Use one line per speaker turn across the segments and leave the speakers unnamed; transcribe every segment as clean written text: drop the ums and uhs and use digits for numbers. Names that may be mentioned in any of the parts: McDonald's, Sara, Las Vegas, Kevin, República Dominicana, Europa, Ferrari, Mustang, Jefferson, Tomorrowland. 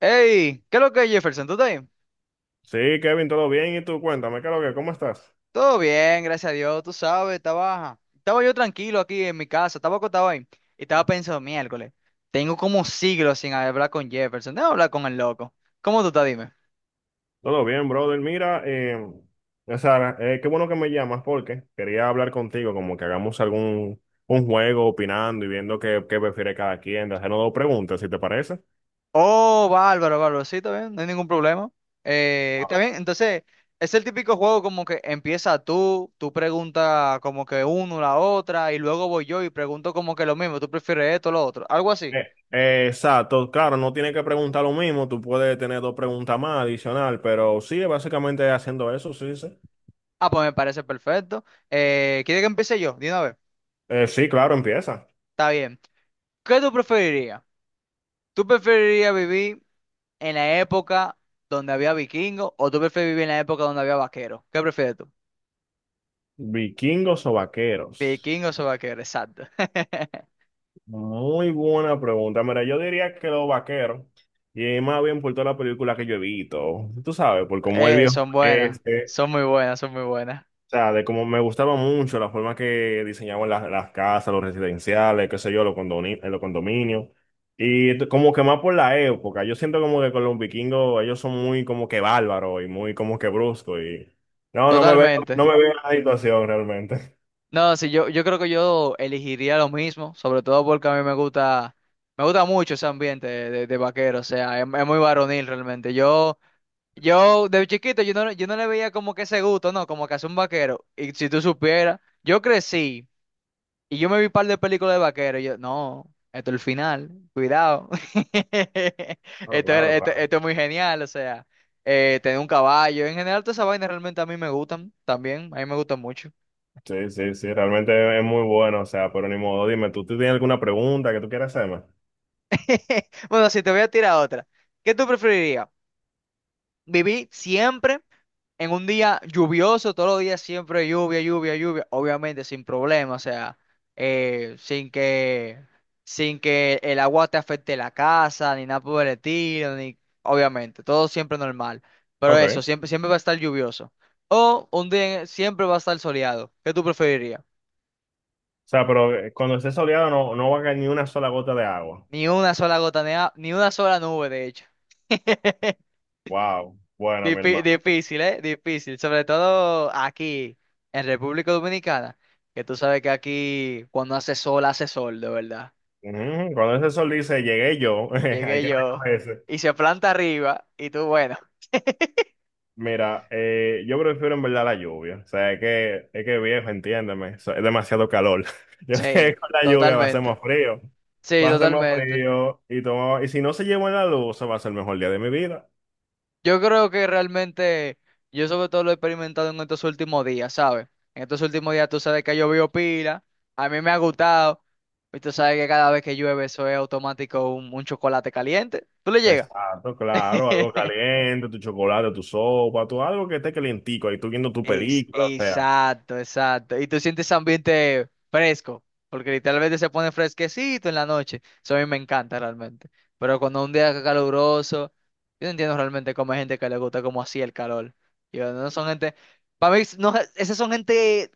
Hey, ¿qué es lo que es Jefferson? ¿Tú estás bien?
Sí, Kevin, todo bien. ¿Y tú? Cuéntame, ¿qué es lo que, ¿cómo estás?
Todo bien, gracias a Dios, tú sabes, estaba yo tranquilo aquí en mi casa, estaba acostado ahí y estaba pensando, miércoles, tengo como siglos sin hablar con Jefferson, debo hablar con el loco. ¿Cómo tú estás? Dime.
Todo bien, brother. Mira, Sara, qué bueno que me llamas porque quería hablar contigo, como que hagamos algún un juego opinando y viendo qué prefiere cada quien, de hacernos dos preguntas, si te parece.
Oh, bárbaro, bárbaro, sí, está bien, no hay ningún problema. Está
Ah,
bien, entonces, es el típico juego como que empieza tú preguntas como que uno, la otra, y luego voy yo y pregunto como que lo mismo, tú prefieres esto, lo otro, algo así.
exacto, claro, no tienes que preguntar lo mismo, tú puedes tener dos preguntas más adicional, pero sí, básicamente haciendo eso, sí, sí.
Ah, pues me parece perfecto. ¿Quiere que empiece yo? Dime.
Sí, claro, empieza.
Está bien. ¿Qué tú preferirías? ¿Tú preferirías vivir en la época donde había vikingos o tú prefieres vivir en la época donde había vaqueros? ¿Qué prefieres tú?
¿Vikingos o vaqueros?
¿Vikingos o vaqueros? Exacto.
Muy buena pregunta. Mira, yo diría que los vaqueros, y más bien por toda la película que yo he visto, tú sabes, por cómo el viejo
Son buenas.
este,
Son muy buenas, son muy buenas.
o sea, de cómo me gustaba mucho la forma que diseñaban las casas, los residenciales, qué sé yo, los condominios, y como que más por la época, yo siento como que con los vikingos ellos son muy como que bárbaros y muy como que bruscos, y no me veo,
Totalmente.
no me veo en la situación realmente.
No, sí, yo creo que yo elegiría lo mismo, sobre todo porque a mí me gusta mucho ese ambiente de vaquero, o sea, es muy varonil realmente. Yo Yo, de chiquito, yo no le veía como que ese gusto, no, como que hace un vaquero. Y si tú supieras, yo crecí y yo me vi un par de películas de vaquero. Y yo, no, esto es el final, cuidado.
Claro, claro,
Esto,
claro.
esto es muy genial, o sea, tener un caballo. En general, todas esas vainas realmente a mí me gustan también, a mí me gustan mucho.
Sí, sí, sí, realmente es muy bueno, o sea, pero ni modo, dime, ¿tú tienes alguna pregunta que tú quieras hacerme?
Bueno, si te voy a tirar otra, ¿qué tú preferirías? ¿Vivir siempre en un día lluvioso, todos los días siempre lluvia, lluvia, lluvia, obviamente sin problema, o sea, eh, sin que, sin que el agua te afecte la casa, ni nada por el estilo, ni, obviamente, todo siempre normal, pero
Ok,
eso,
o
siempre, siempre va a estar lluvioso? O un día siempre va a estar soleado, ¿qué tú preferirías?
sea, pero cuando esté soleado no va a caer ni una sola gota de agua.
Ni una sola gota, ni una sola nube, de hecho.
Wow, bueno, mi hermano.
Difícil, ¿eh? Difícil. Sobre todo aquí, en República Dominicana, que tú sabes que aquí cuando hace sol, de verdad.
Ujú. Cuando ese sol dice, llegué yo, hay
Llegué
que
yo
recogerse.
y se planta arriba y tú, bueno,
Mira, yo prefiero en verdad la lluvia, o sea, es que viejo, entiéndeme, o sea, es demasiado calor. Yo sé
sí,
que con la lluvia va a ser
totalmente.
más frío,
Sí,
va a ser más
totalmente.
frío, y, y si no se lleva la luz, se va a ser el mejor día de mi vida.
Yo creo que realmente, yo sobre todo lo he experimentado en estos últimos días, ¿sabes? En estos últimos días tú sabes que ha llovido pila, a mí me ha gustado, y tú sabes que cada vez que llueve eso es automático un chocolate caliente. ¿Tú le llegas?
Exacto, claro, algo caliente, tu chocolate, tu sopa, tu, algo que esté calientico, ahí tú viendo tu película, o sea.
Exacto, exacto. Y tú sientes ese ambiente fresco, porque literalmente se pone fresquecito en la noche. Eso a mí me encanta realmente. Pero cuando un día caluroso, yo no entiendo realmente cómo hay gente que le gusta como así el calor. Yo no son gente, para mí, no, esas son gente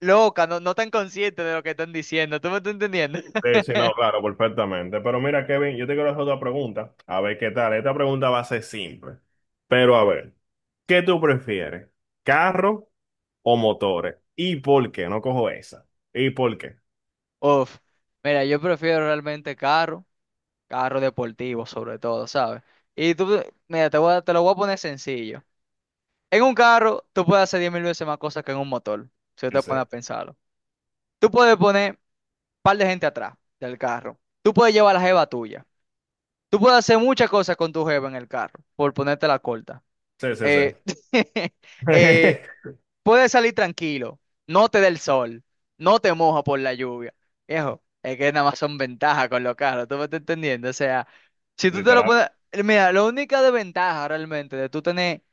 loca, no, no tan consciente de lo que están diciendo. ¿Tú me estás entendiendo?
Sí, sí, no, claro, perfectamente. Pero mira, Kevin, yo te quiero hacer otra pregunta, a ver qué tal. Esta pregunta va a ser simple, pero a ver, ¿qué tú prefieres? ¿Carro o motores? ¿Y por qué? No cojo esa. ¿Y por qué?
Uf, mira, yo prefiero realmente carro, carro deportivo sobre todo, ¿sabes? Y tú, mira, te lo voy a poner sencillo. En un carro, tú puedes hacer 10.000 veces más cosas que en un motor, si tú te pones a
Sí,
pensarlo. Tú puedes poner un par de gente atrás del carro. Tú puedes llevar la jeva tuya. Tú puedes hacer muchas cosas con tu jeva en el carro, por ponerte la corta.
sí, sí, sí.
Eh, eh, puedes salir tranquilo, no te da el sol, no te moja por la lluvia. Viejo, es que nada más son ventajas con los carros, ¿tú me estás entendiendo? O sea, si tú te lo
Literal.
pones... Mira, la única desventaja realmente de tú tener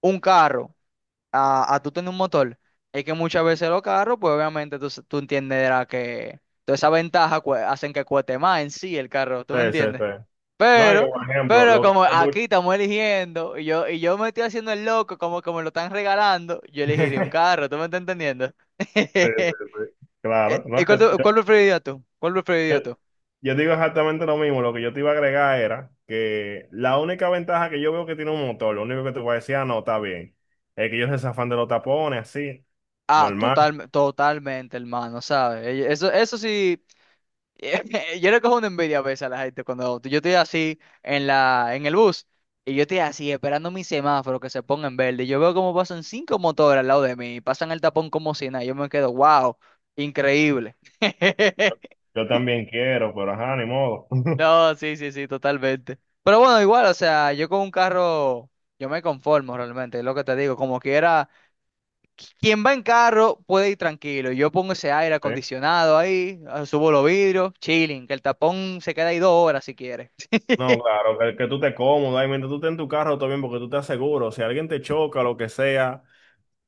un carro a tú tener un motor. Es que muchas veces los carros, pues obviamente tú entenderás que toda esa ventaja hacen que cueste más en sí el carro, ¿tú
Sí,
me
sí, sí.
entiendes?
No, y
Pero,
por ejemplo,
pero
lo que
como
hace mucho.
aquí estamos eligiendo y yo me estoy haciendo el loco como que me lo están regalando, yo elegiría un carro, ¿tú me estás entendiendo?
Sí, sí, sí. Claro, no,
¿Y cuál preferirías tú? ¿Cuál
yo-
preferirías tú?
yo digo exactamente lo mismo, lo que yo te iba a agregar era que la única ventaja que yo veo que tiene un motor, lo único que te voy a decir, ah, no, está bien, es que ellos se zafan de los tapones, así,
Ah,
normal.
total, totalmente, hermano, ¿sabes? Eso sí. Yo le cojo una envidia a veces a la gente cuando yo estoy así en en el bus y yo estoy así esperando mi semáforo que se ponga en verde. Y yo veo cómo pasan cinco motores al lado de mí y pasan el tapón como si nada. Y yo me quedo, wow, increíble.
Yo también quiero, pero ajá, ni modo.
No, sí, sí, sí, totalmente. Pero bueno, igual, o sea, yo con un carro, yo me conformo realmente, es lo que te digo. Como quiera, quien va en carro puede ir tranquilo. Yo pongo ese aire
Sí.
acondicionado ahí, ah, subo los vidrios, chilling, que el tapón se queda ahí dos horas si quiere.
No, claro, que tú te cómodo, ahí mientras tú estés en tu carro, todo bien, porque tú estás seguro. Si alguien te choca, lo que sea,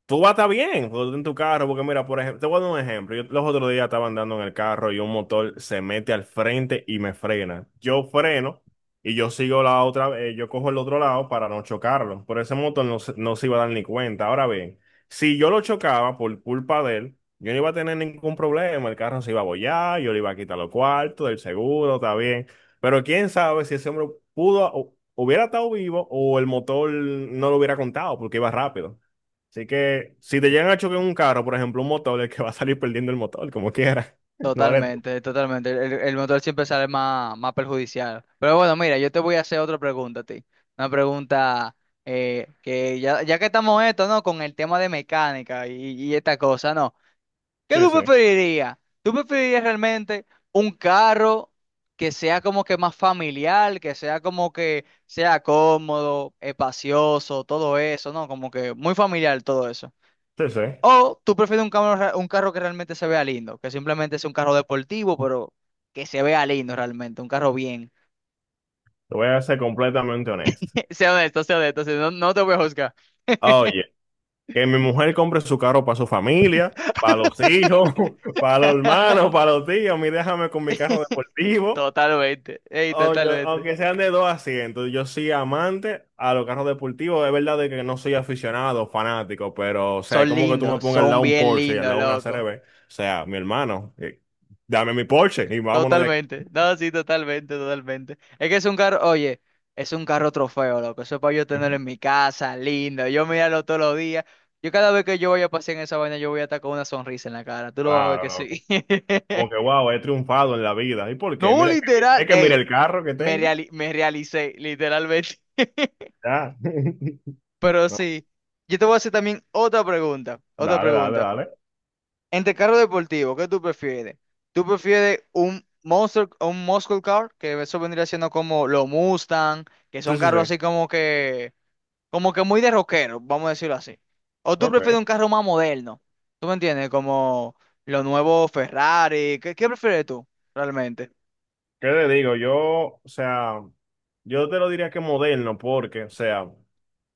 tú vas a estar bien cuando tú en tu carro, porque mira, por ejemplo, te voy a dar un ejemplo. Yo los otros días estaba andando en el carro y un motor se mete al frente y me frena. Yo freno y yo sigo yo cojo el otro lado para no chocarlo. Pero ese motor no, no se iba a dar ni cuenta. Ahora bien, si yo lo chocaba por culpa de él, yo no iba a tener ningún problema. El carro se iba a bollar, yo le iba a quitar los cuartos, del seguro, está bien. Pero quién sabe si ese hombre hubiera estado vivo o el motor no lo hubiera contado porque iba rápido. Así que si te llegan a chocar un carro, por ejemplo, un motor, el que va a salir perdiendo el motor, como quiera. No eres tú.
Totalmente, totalmente. El motor siempre sale más, más perjudicial. Pero bueno, mira, yo te voy a hacer otra pregunta a ti. Una pregunta, que ya que estamos esto, ¿no? Con el tema de mecánica y esta cosa, ¿no? ¿Qué
Sí,
tú
sí.
preferirías? ¿Tú preferirías realmente un carro que sea como que más familiar, que sea como que sea cómodo, espacioso, todo eso, ¿no? Como que muy familiar todo eso?
Sí, sí. Te
O tú prefieres un un carro que realmente se vea lindo, que simplemente es un carro deportivo, pero que se vea lindo realmente, un carro bien.
voy a ser completamente honesto.
Sea honesto, si no, no te voy a juzgar.
Oye, que mi mujer compre su carro para su familia, para los hijos, para los hermanos, para los tíos. A mí déjame con mi carro deportivo.
Totalmente, ey, totalmente.
Aunque sean de dos asientos, yo soy amante a los carros deportivos. Es verdad de que no soy aficionado, fanático, pero, o sea, es
Son
como que tú me
lindos,
pongas al
son
lado un
bien
Porsche y al
lindos,
lado una
loco.
CRB. O sea, mi hermano, dame mi Porsche y vámonos de aquí.
Totalmente. No, sí, totalmente, totalmente. Es que es un carro, oye, es un carro trofeo, loco. Eso es para yo tenerlo en mi casa, lindo. Yo mirarlo todos los días. Yo cada vez que yo vaya a pasear en esa vaina, yo voy a estar con una sonrisa en la cara. Tú lo vas a ver
Claro,
que
loco.
sí.
Como que, wow, he triunfado en la vida. ¿Y por qué?
No,
Mira, mira
literal.
es que mira
Ey,
el carro que tengo.
me realicé, literalmente.
Ya.
Pero
No,
sí. Yo te voy a hacer también otra pregunta. Otra
dale, dale,
pregunta.
dale.
Entre carro deportivo, ¿qué tú prefieres? ¿Tú prefieres un Monster, un Muscle Car, que eso vendría siendo como los Mustang, que
Sí,
son
sí,
carros
sí.
así como que muy de rockero, vamos a decirlo así? ¿O tú
Ok.
prefieres
¿Qué
un carro más moderno? ¿Tú me entiendes? Como los nuevos Ferrari, ¿qué, qué prefieres tú realmente?
te digo? Yo, o sea, yo te lo diría que moderno, porque, o sea,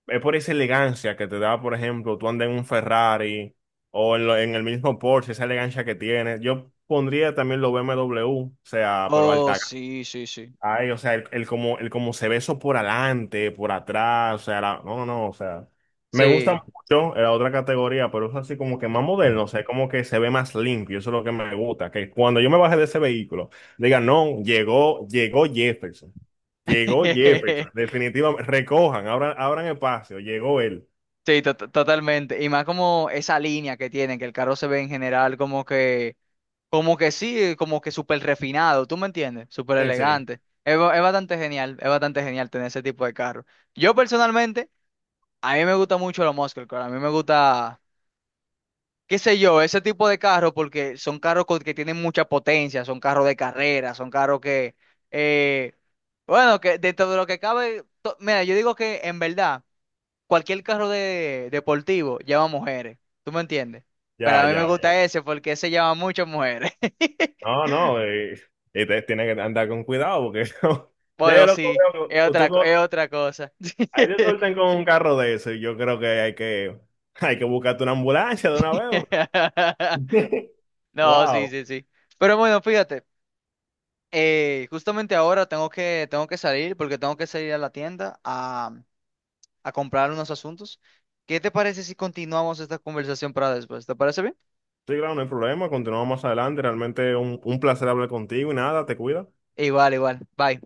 es por esa elegancia que te da, por ejemplo, tú andas en un Ferrari en el mismo Porsche, esa elegancia que tiene. Yo pondría también los BMW, o sea, pero
Oh,
alta
sí, sí, sí.
ay, o sea, el como se ve eso por adelante, por atrás, o sea, no, no, o sea, me gusta
Sí.
mucho la otra categoría, pero es así como que más moderno, o sea, como que se ve más limpio, eso es lo que me gusta, que cuando yo me baje de ese vehículo, digan, no, llegó, llegó Jefferson, definitivamente, recojan, abran, abran espacio, llegó él,
Sí, totalmente. Y más como esa línea que tienen, que el carro se ve en general como que como que sí, como que súper refinado, ¿tú me entiendes? Súper
sí, sí,
elegante. Es bastante genial tener ese tipo de carro. Yo personalmente, a mí me gusta mucho los muscle car, a mí me gusta, qué sé yo, ese tipo de carros porque son que tienen mucha potencia, son carros de carrera, son carros que, eh, bueno, que dentro de lo que cabe, mira, yo digo que en verdad, cualquier carro deportivo lleva mujeres, ¿tú me entiendes? Pero
ya,
a mí
ya,
me
ya,
gusta ese porque ese lleva muchas mujeres.
no, no, y ustedes tienen que andar con cuidado, porque ya yo
Bueno,
lo
sí,
veo.
es es otra cosa.
Ahí te sueltan con un carro de eso. Yo creo que hay que buscarte una ambulancia de una vez.
No, sí,
Wow.
sí, sí. Pero bueno, fíjate, justamente ahora tengo que salir porque tengo que salir a la tienda a comprar unos asuntos. ¿Qué te parece si continuamos esta conversación para después? ¿Te parece bien?
Sí, claro, no hay problema. Continuamos más adelante. Realmente un placer hablar contigo y nada, te cuida.
Igual, igual. Bye.